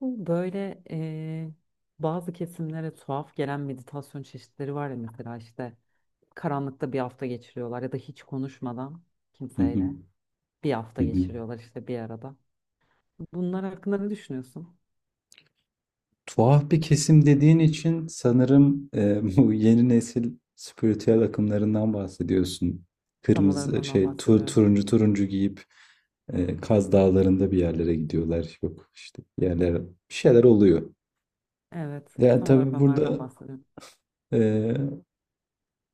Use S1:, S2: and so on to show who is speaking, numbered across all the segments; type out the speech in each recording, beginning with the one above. S1: Bu böyle, bazı kesimlere tuhaf gelen meditasyon çeşitleri var ya, mesela işte karanlıkta bir hafta geçiriyorlar ya da hiç konuşmadan
S2: Hı hı,
S1: kimseyle bir hafta
S2: hı hı.
S1: geçiriyorlar işte bir arada. Bunlar hakkında ne düşünüyorsun?
S2: Tuhaf bir kesim dediğin için sanırım bu yeni nesil spiritüel akımlarından bahsediyorsun.
S1: Tam olarak
S2: Kırmızı şey
S1: ondan bahsediyorum.
S2: turuncu turuncu giyip Kaz Dağları'nda bir yerlere gidiyorlar. Yok işte bir yerlere bir şeyler oluyor.
S1: Evet,
S2: Yani
S1: tam olarak
S2: tabii
S1: onlardan
S2: burada
S1: bahsediyorum.
S2: e,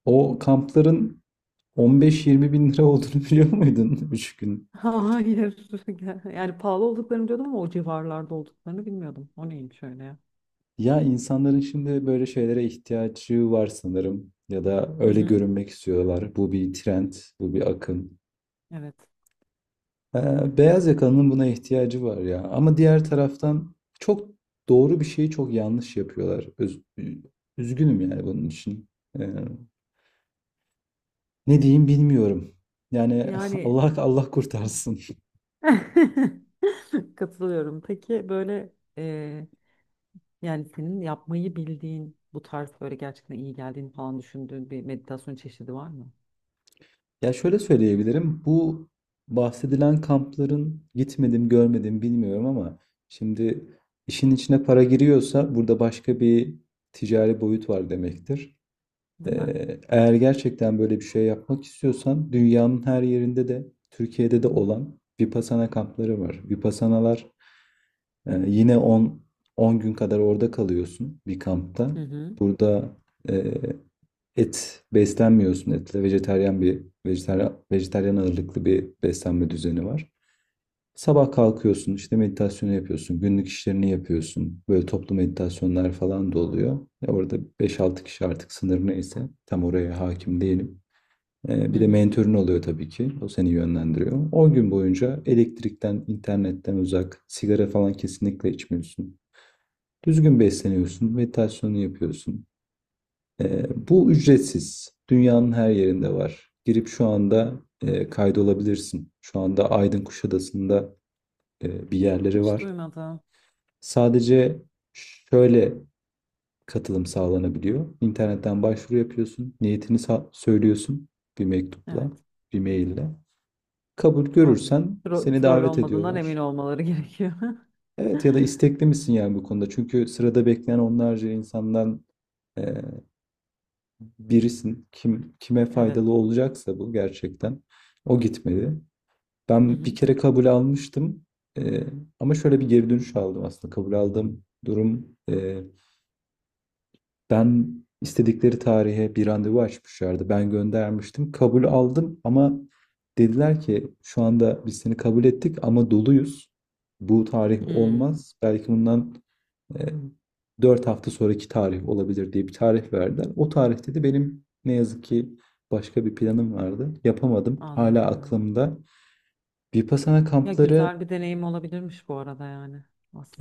S2: o kampların 15-20 bin lira olduğunu biliyor muydun 3 gün?
S1: Hayır. Yani pahalı olduklarını biliyordum ama o civarlarda olduklarını bilmiyordum. O neymiş öyle ya?
S2: Ya insanların şimdi böyle şeylere ihtiyacı var sanırım ya da
S1: Hı
S2: öyle
S1: hı.
S2: görünmek istiyorlar. Bu bir trend, bu bir akım.
S1: Evet.
S2: Beyaz yakalının buna ihtiyacı var ya. Ama diğer taraftan çok doğru bir şeyi çok yanlış yapıyorlar. Üzgünüm yani bunun için. Ee, Ne diyeyim bilmiyorum. Yani
S1: Yani
S2: Allah Allah kurtarsın.
S1: katılıyorum. Peki böyle, yani senin yapmayı bildiğin bu tarz, böyle gerçekten iyi geldiğini falan düşündüğün bir meditasyon çeşidi var mı?
S2: Ya şöyle söyleyebilirim. Bu bahsedilen kampların gitmedim, görmedim bilmiyorum ama şimdi işin içine para giriyorsa burada başka bir ticari boyut var demektir.
S1: Değil mi?
S2: Eğer gerçekten böyle bir şey yapmak istiyorsan dünyanın her yerinde de Türkiye'de de olan Vipassana kampları var. Vipassanalar yine 10 gün kadar orada kalıyorsun bir kampta.
S1: Hı hı.
S2: Burada e, Et beslenmiyorsun etle. Vejetaryen ağırlıklı bir beslenme düzeni var. Sabah kalkıyorsun, işte meditasyonu yapıyorsun, günlük işlerini yapıyorsun. Böyle toplu meditasyonlar falan da oluyor. Ya orada 5-6 kişi artık sınır neyse tam oraya hakim değilim.
S1: Hı
S2: Bir de
S1: hı.
S2: mentörün oluyor tabii ki. O seni yönlendiriyor. 10 gün boyunca elektrikten, internetten uzak, sigara falan kesinlikle içmiyorsun. Düzgün besleniyorsun, meditasyonu yapıyorsun. Bu ücretsiz. Dünyanın her yerinde var. Girip şu anda kaydolabilirsin. Şu anda Aydın Kuşadası'nda bir yerleri
S1: Hiç
S2: var.
S1: duymadım.
S2: Sadece şöyle katılım sağlanabiliyor. İnternetten başvuru yapıyorsun. Niyetini söylüyorsun bir
S1: Evet.
S2: mektupla, bir maille. Kabul
S1: Anladım.
S2: görürsen
S1: Tro
S2: seni
S1: troll
S2: davet
S1: olmadığından emin
S2: ediyorlar.
S1: olmaları gerekiyor.
S2: Evet ya da istekli misin yani bu konuda? Çünkü sırada bekleyen onlarca insandan e, birisin kim kime
S1: Evet.
S2: faydalı olacaksa bu gerçekten o gitmedi.
S1: Hı
S2: Ben bir
S1: hı.
S2: kere kabul almıştım. Ee, Ama şöyle bir geri dönüş aldım aslında kabul aldığım durum ben istedikleri tarihe bir randevu açmışlardı. Ben göndermiştim. Kabul aldım ama dediler ki şu anda biz seni kabul ettik ama doluyuz. Bu tarih
S1: Hmm,
S2: olmaz. Belki bundan e, 4 hafta sonraki tarih olabilir diye bir tarih verdiler. O tarihte de benim ne yazık ki başka bir planım vardı. Yapamadım. Hala
S1: anladım.
S2: aklımda. Vipassana
S1: Ya,
S2: kampları.
S1: güzel bir deneyim olabilirmiş bu arada, yani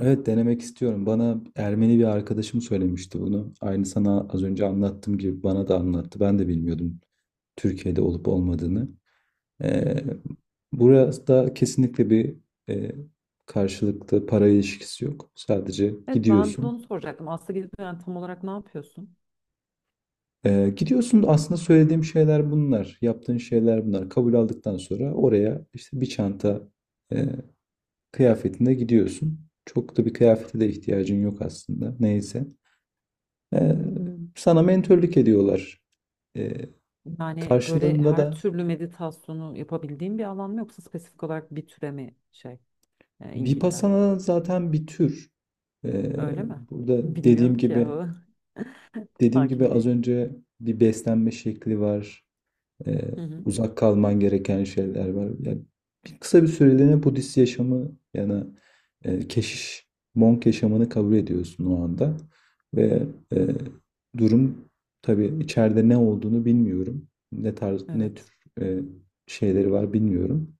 S2: Evet, denemek istiyorum. Bana Ermeni bir arkadaşım söylemişti bunu. Aynı sana az önce anlattığım gibi bana da anlattı. Ben de bilmiyordum Türkiye'de olup olmadığını.
S1: Hı
S2: Ee,
S1: hı.
S2: Burası da kesinlikle bir e, karşılıklı para ilişkisi yok. Sadece
S1: Evet, ben de
S2: gidiyorsun.
S1: onu soracaktım. Aslında gidip yani tam olarak ne yapıyorsun?
S2: Gidiyorsun aslında söylediğim şeyler bunlar. Yaptığın şeyler bunlar. Kabul aldıktan sonra oraya işte bir çanta e, kıyafetinde gidiyorsun. Çok da bir kıyafete de ihtiyacın yok aslında. Neyse. Ee, Sana mentörlük ediyorlar. Ee,
S1: Yani böyle
S2: Karşılığında
S1: her
S2: da
S1: türlü meditasyonu yapabildiğin bir alan mı, yoksa spesifik olarak bir türe mi şey? Enginler.
S2: Vipassana zaten bir tür. Ee,
S1: Öyle mi?
S2: Burada dediğim
S1: Bilmiyorum ki
S2: gibi
S1: yahu. Hakim
S2: az
S1: değilim.
S2: önce bir beslenme şekli var. Ee,
S1: Hı hı.
S2: Uzak kalman gereken şeyler var. Yani bir kısa bir süreliğine Budist yaşamı yani keşiş, monk yaşamını kabul ediyorsun o anda. Ve
S1: Hı.
S2: e, durum tabii içeride ne olduğunu bilmiyorum. Ne tarz, ne tür
S1: Evet.
S2: e, şeyleri var bilmiyorum.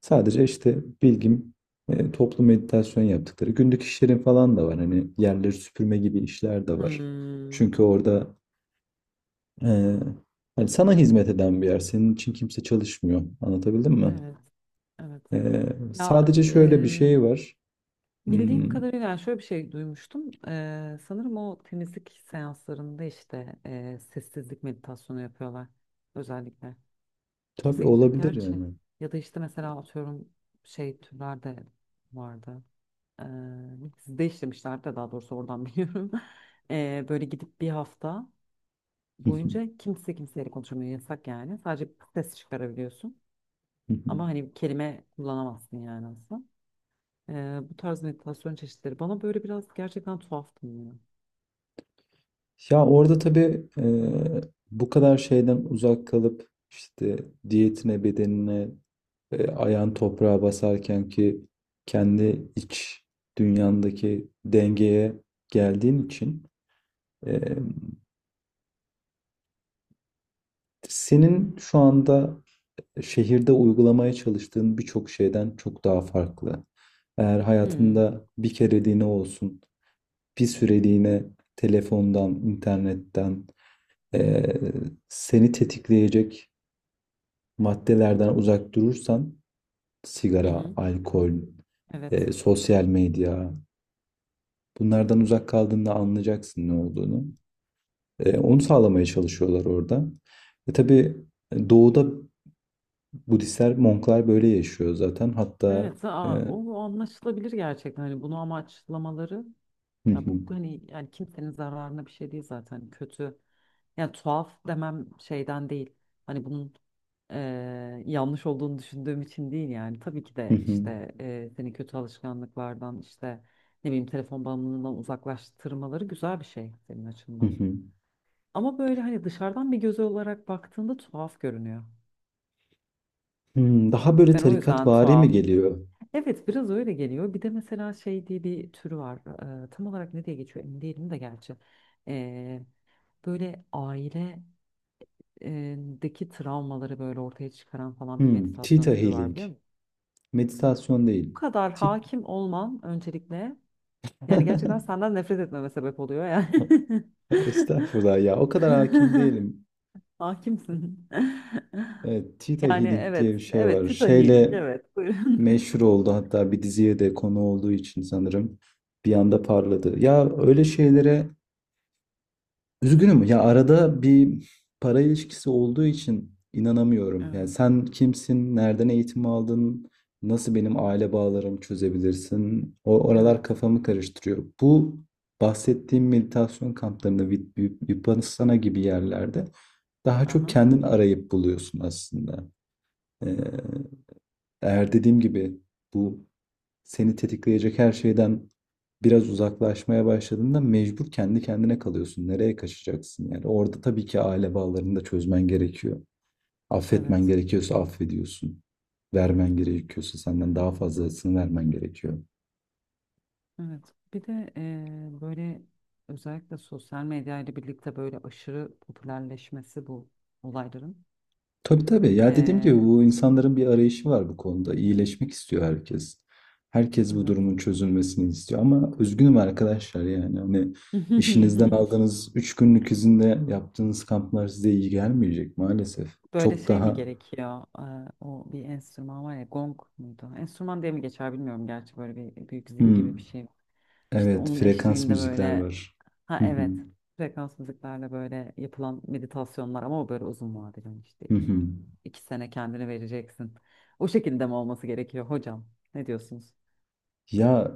S2: Sadece işte bilgim toplu meditasyon yaptıkları. Günlük işlerin falan da var. Hani yerleri süpürme gibi işler de var.
S1: Hmm.
S2: Çünkü orada ee, yani sana hizmet eden bir yer. Senin için kimse çalışmıyor. Anlatabildim mi?
S1: Evet. Evet.
S2: Ee,
S1: Ya,
S2: Sadece şöyle bir şey var.
S1: bildiğim
S2: Hmm,
S1: kadarıyla yani şöyle bir şey duymuştum. Sanırım o temizlik seanslarında işte sessizlik meditasyonu yapıyorlar özellikle.
S2: tabii
S1: Kimse kimse.
S2: olabilir
S1: Gerçi
S2: yani.
S1: ya da işte mesela atıyorum şey türlerde vardı. E, Sizde işlemişlerdi de, daha doğrusu oradan biliyorum. Böyle gidip bir hafta boyunca kimse kimseyle konuşamıyor. Yasak yani. Sadece ses çıkarabiliyorsun. Ama hani kelime kullanamazsın yani aslında. Bu tarz meditasyon çeşitleri bana böyle biraz gerçekten tuhaf geliyor.
S2: Ya orada tabii bu kadar şeyden uzak kalıp işte diyetine, bedenine, ayağın toprağa basarken ki kendi iç dünyandaki dengeye geldiğin için e, senin şu anda şehirde uygulamaya çalıştığın birçok şeyden çok daha farklı. Eğer
S1: Hmm.
S2: hayatında bir kereliğine olsun, bir süreliğine telefondan, internetten eee, seni tetikleyecek maddelerden uzak durursan,
S1: Hı
S2: sigara,
S1: hı.
S2: alkol,
S1: Evet.
S2: sosyal medya, bunlardan uzak kaldığında anlayacaksın ne olduğunu. Onu sağlamaya çalışıyorlar orada. Tabii, doğuda Budistler, Monklar böyle yaşıyor zaten. Hatta
S1: Evet,
S2: e,
S1: o anlaşılabilir gerçekten. Hani bunu amaçlamaları,
S2: hı
S1: ya
S2: hı.
S1: bu hani yani kimsenin zararına bir şey değil zaten, kötü. Yani tuhaf demem şeyden değil. Hani bunun yanlış olduğunu düşündüğüm için değil yani. Tabii ki
S2: Hı
S1: de
S2: hı.
S1: işte seni kötü alışkanlıklardan işte ne bileyim telefon bağımlılığından uzaklaştırmaları güzel bir şey senin
S2: Hı
S1: açından.
S2: hı.
S1: Ama böyle hani dışarıdan bir göz olarak baktığında tuhaf görünüyor.
S2: Hımm, daha böyle
S1: Ben o yüzden
S2: tarikatvari mi
S1: tuhaf.
S2: geliyor?
S1: Evet, biraz öyle geliyor. Bir de mesela şey diye bir türü var. Tam olarak ne diye geçiyor emin değilim de gerçi. Ee, Böyle aile deki travmaları böyle ortaya çıkaran falan bir
S2: Hımm.
S1: meditasyon
S2: Theta
S1: türü var
S2: Healing.
S1: biliyor musun?
S2: Meditasyon
S1: Bu
S2: değil.
S1: kadar
S2: Ti
S1: hakim olman öncelikle yani gerçekten senden nefret etmeme sebep oluyor yani.
S2: Estağfurullah ya, o kadar hakim değilim.
S1: Hakimsin.
S2: Evet, Theta
S1: Yani
S2: Healing diye bir
S1: evet,
S2: şey
S1: evet,
S2: var.
S1: Theta Healing,
S2: Şeyle
S1: evet, buyurun.
S2: meşhur oldu hatta bir diziye de konu olduğu için sanırım bir anda parladı. Ya, öyle şeylere üzgünüm ya, arada bir para ilişkisi olduğu için inanamıyorum. Yani
S1: Evet,
S2: sen kimsin, nereden eğitim aldın, nasıl benim aile bağlarımı çözebilirsin? O oralar
S1: evet,
S2: kafamı karıştırıyor. Bu bahsettiğim meditasyon kamplarında, Vipassana gibi yerlerde daha çok
S1: aha,
S2: kendin arayıp buluyorsun aslında. Ee, Eğer dediğim gibi bu seni tetikleyecek her şeyden biraz uzaklaşmaya başladığında mecbur kendi kendine kalıyorsun. Nereye kaçacaksın yani? Orada tabii ki aile bağlarını da çözmen gerekiyor. Affetmen
S1: evet.
S2: gerekiyorsa affediyorsun. Vermen gerekiyorsa senden daha fazlasını vermen gerekiyor.
S1: Evet. Bir de böyle özellikle sosyal medya ile birlikte böyle aşırı popülerleşmesi bu olayların.
S2: Tabii tabii. Ya dediğim gibi
S1: Eee,
S2: bu insanların bir arayışı var bu konuda. İyileşmek istiyor herkes. Herkes bu
S1: evet.
S2: durumun çözülmesini istiyor. Ama üzgünüm arkadaşlar yani. Hani işinizden aldığınız 3 günlük izinde yaptığınız kamplar size iyi gelmeyecek maalesef.
S1: Böyle
S2: Çok
S1: şey mi
S2: daha.
S1: gerekiyor? O bir enstrüman var ya, gong muydu? Enstrüman diye mi geçer bilmiyorum gerçi, böyle bir büyük zil
S2: Hmm,
S1: gibi bir şey. İşte
S2: evet,
S1: onun
S2: frekans
S1: eşliğinde
S2: müzikler
S1: böyle,
S2: var.
S1: ha
S2: Hı hı,
S1: evet, frekans müziklerle böyle yapılan meditasyonlar, ama o böyle uzun vadeli hani işte
S2: hı hı.
S1: 2 sene kendini vereceksin. O şekilde mi olması gerekiyor hocam? Ne diyorsunuz?
S2: Ya,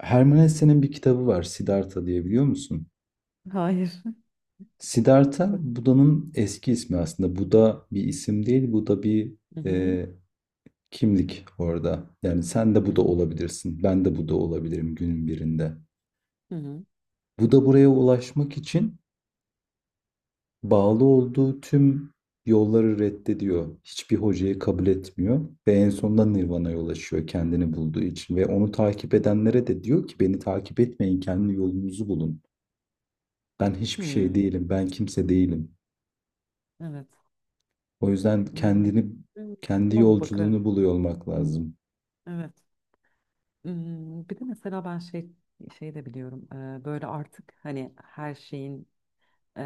S2: Hermann Hesse'nin bir kitabı var, Siddhartha diye, biliyor musun?
S1: Hayır.
S2: Siddhartha Buda'nın eski ismi aslında. Buda bir isim değil. Buda bir
S1: Hı hı,
S2: e, kimlik orada. Yani sen de
S1: hı
S2: bu da
S1: hı,
S2: olabilirsin. Ben de bu da olabilirim günün birinde.
S1: hı hı.
S2: Bu da buraya ulaşmak için bağlı olduğu tüm yolları reddediyor. Hiçbir hocayı kabul etmiyor ve en sonunda Nirvana'ya ulaşıyor kendini bulduğu için ve onu takip edenlere de diyor ki beni takip etmeyin, kendi yolunuzu bulun. Ben hiçbir şey
S1: Hmm,
S2: değilim, ben kimse değilim.
S1: evet.
S2: O yüzden
S1: Hmm, hmm.
S2: kendi
S1: Ama bakarım.
S2: yolculuğunu buluyor olmak lazım.
S1: Evet. Hmm, bir de mesela ben şey şey de biliyorum. Böyle artık hani her şeyin Eee,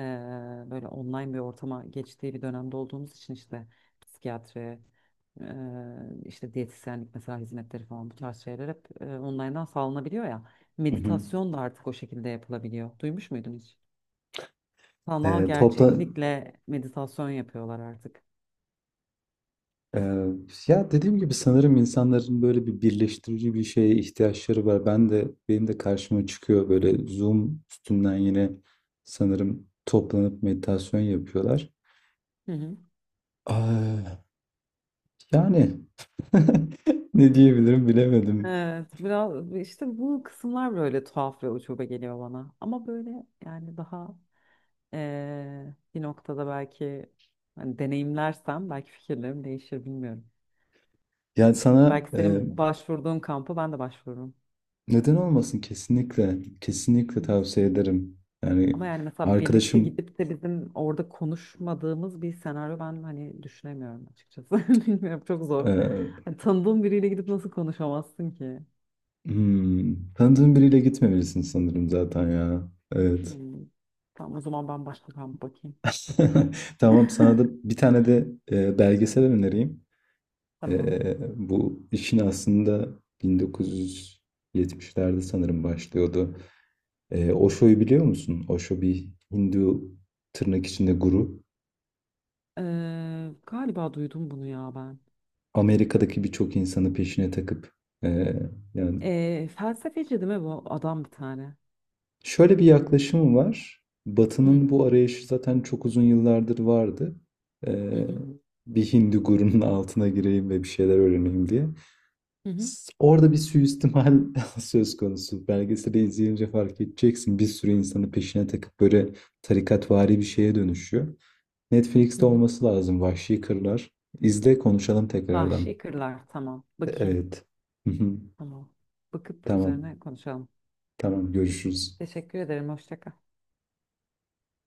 S1: böyle online bir ortama geçtiği bir dönemde olduğumuz için işte psikiyatri, eee, işte diyetisyenlik mesela hizmetleri falan bu tarz şeyler hep online'dan sağlanabiliyor ya.
S2: Hı hı.
S1: Meditasyon da artık o şekilde yapılabiliyor. Duymuş muydun hiç? Sanal
S2: Topla
S1: gerçeklikle meditasyon yapıyorlar artık.
S2: Ee, ya dediğim gibi sanırım insanların böyle bir birleştirici bir şeye ihtiyaçları var. Benim de karşıma çıkıyor böyle Zoom üstünden, yine sanırım toplanıp meditasyon yapıyorlar.
S1: Hı hı.
S2: Aa, yani ne diyebilirim bilemedim.
S1: Evet, biraz işte bu kısımlar böyle tuhaf ve ucube geliyor bana. Ama böyle yani daha bir noktada belki hani deneyimlersem belki fikirlerim değişir bilmiyorum.
S2: Yani sana
S1: Belki senin başvurduğun kampı ben de başvururum.
S2: neden olmasın, kesinlikle
S1: Hı
S2: kesinlikle
S1: hı.
S2: tavsiye ederim. Yani
S1: Ama yani mesela birlikte
S2: arkadaşım
S1: gidip de bizim orada konuşmadığımız bir senaryo ben hani düşünemiyorum açıkçası. Bilmiyorum, çok zor.
S2: e,
S1: Hani tanıdığım biriyle gidip nasıl konuşamazsın ki?
S2: hmm, tanıdığın biriyle gitmemelisin sanırım zaten ya. Evet.
S1: Hmm. Tamam, o zaman ben başka kamp bakayım.
S2: Tamam, sana da bir tane de belgesel önereyim.
S1: Tamam.
S2: E, Bu işin aslında 1970'lerde sanırım başlıyordu. Osho'yu biliyor musun? Osho bir Hindu, tırnak içinde, guru.
S1: Galiba duydum bunu ya ben.
S2: Amerika'daki birçok insanı peşine takıp e, yani
S1: Felsefeci değil mi bu adam bir tane?
S2: şöyle bir yaklaşımı var. Batı'nın
S1: Hı
S2: bu arayışı zaten çok uzun yıllardır vardı. E,
S1: hı hı
S2: Bir Hindu gurunun altına gireyim ve bir şeyler öğreneyim diye.
S1: hı hı.
S2: Orada bir suistimal söz konusu. Belgeseli izleyince fark edeceksin. Bir sürü insanı peşine takıp böyle tarikatvari bir şeye dönüşüyor.
S1: Hı
S2: Netflix'te
S1: hı.
S2: olması lazım. Vahşi Kırlar. İzle, konuşalım tekrardan.
S1: Vahşi Kırlar, tamam. Bakayım.
S2: Evet.
S1: Tamam. Bakıp
S2: Tamam.
S1: üzerine konuşalım.
S2: Tamam. Görüşürüz.
S1: Teşekkür ederim. Hoşça kal.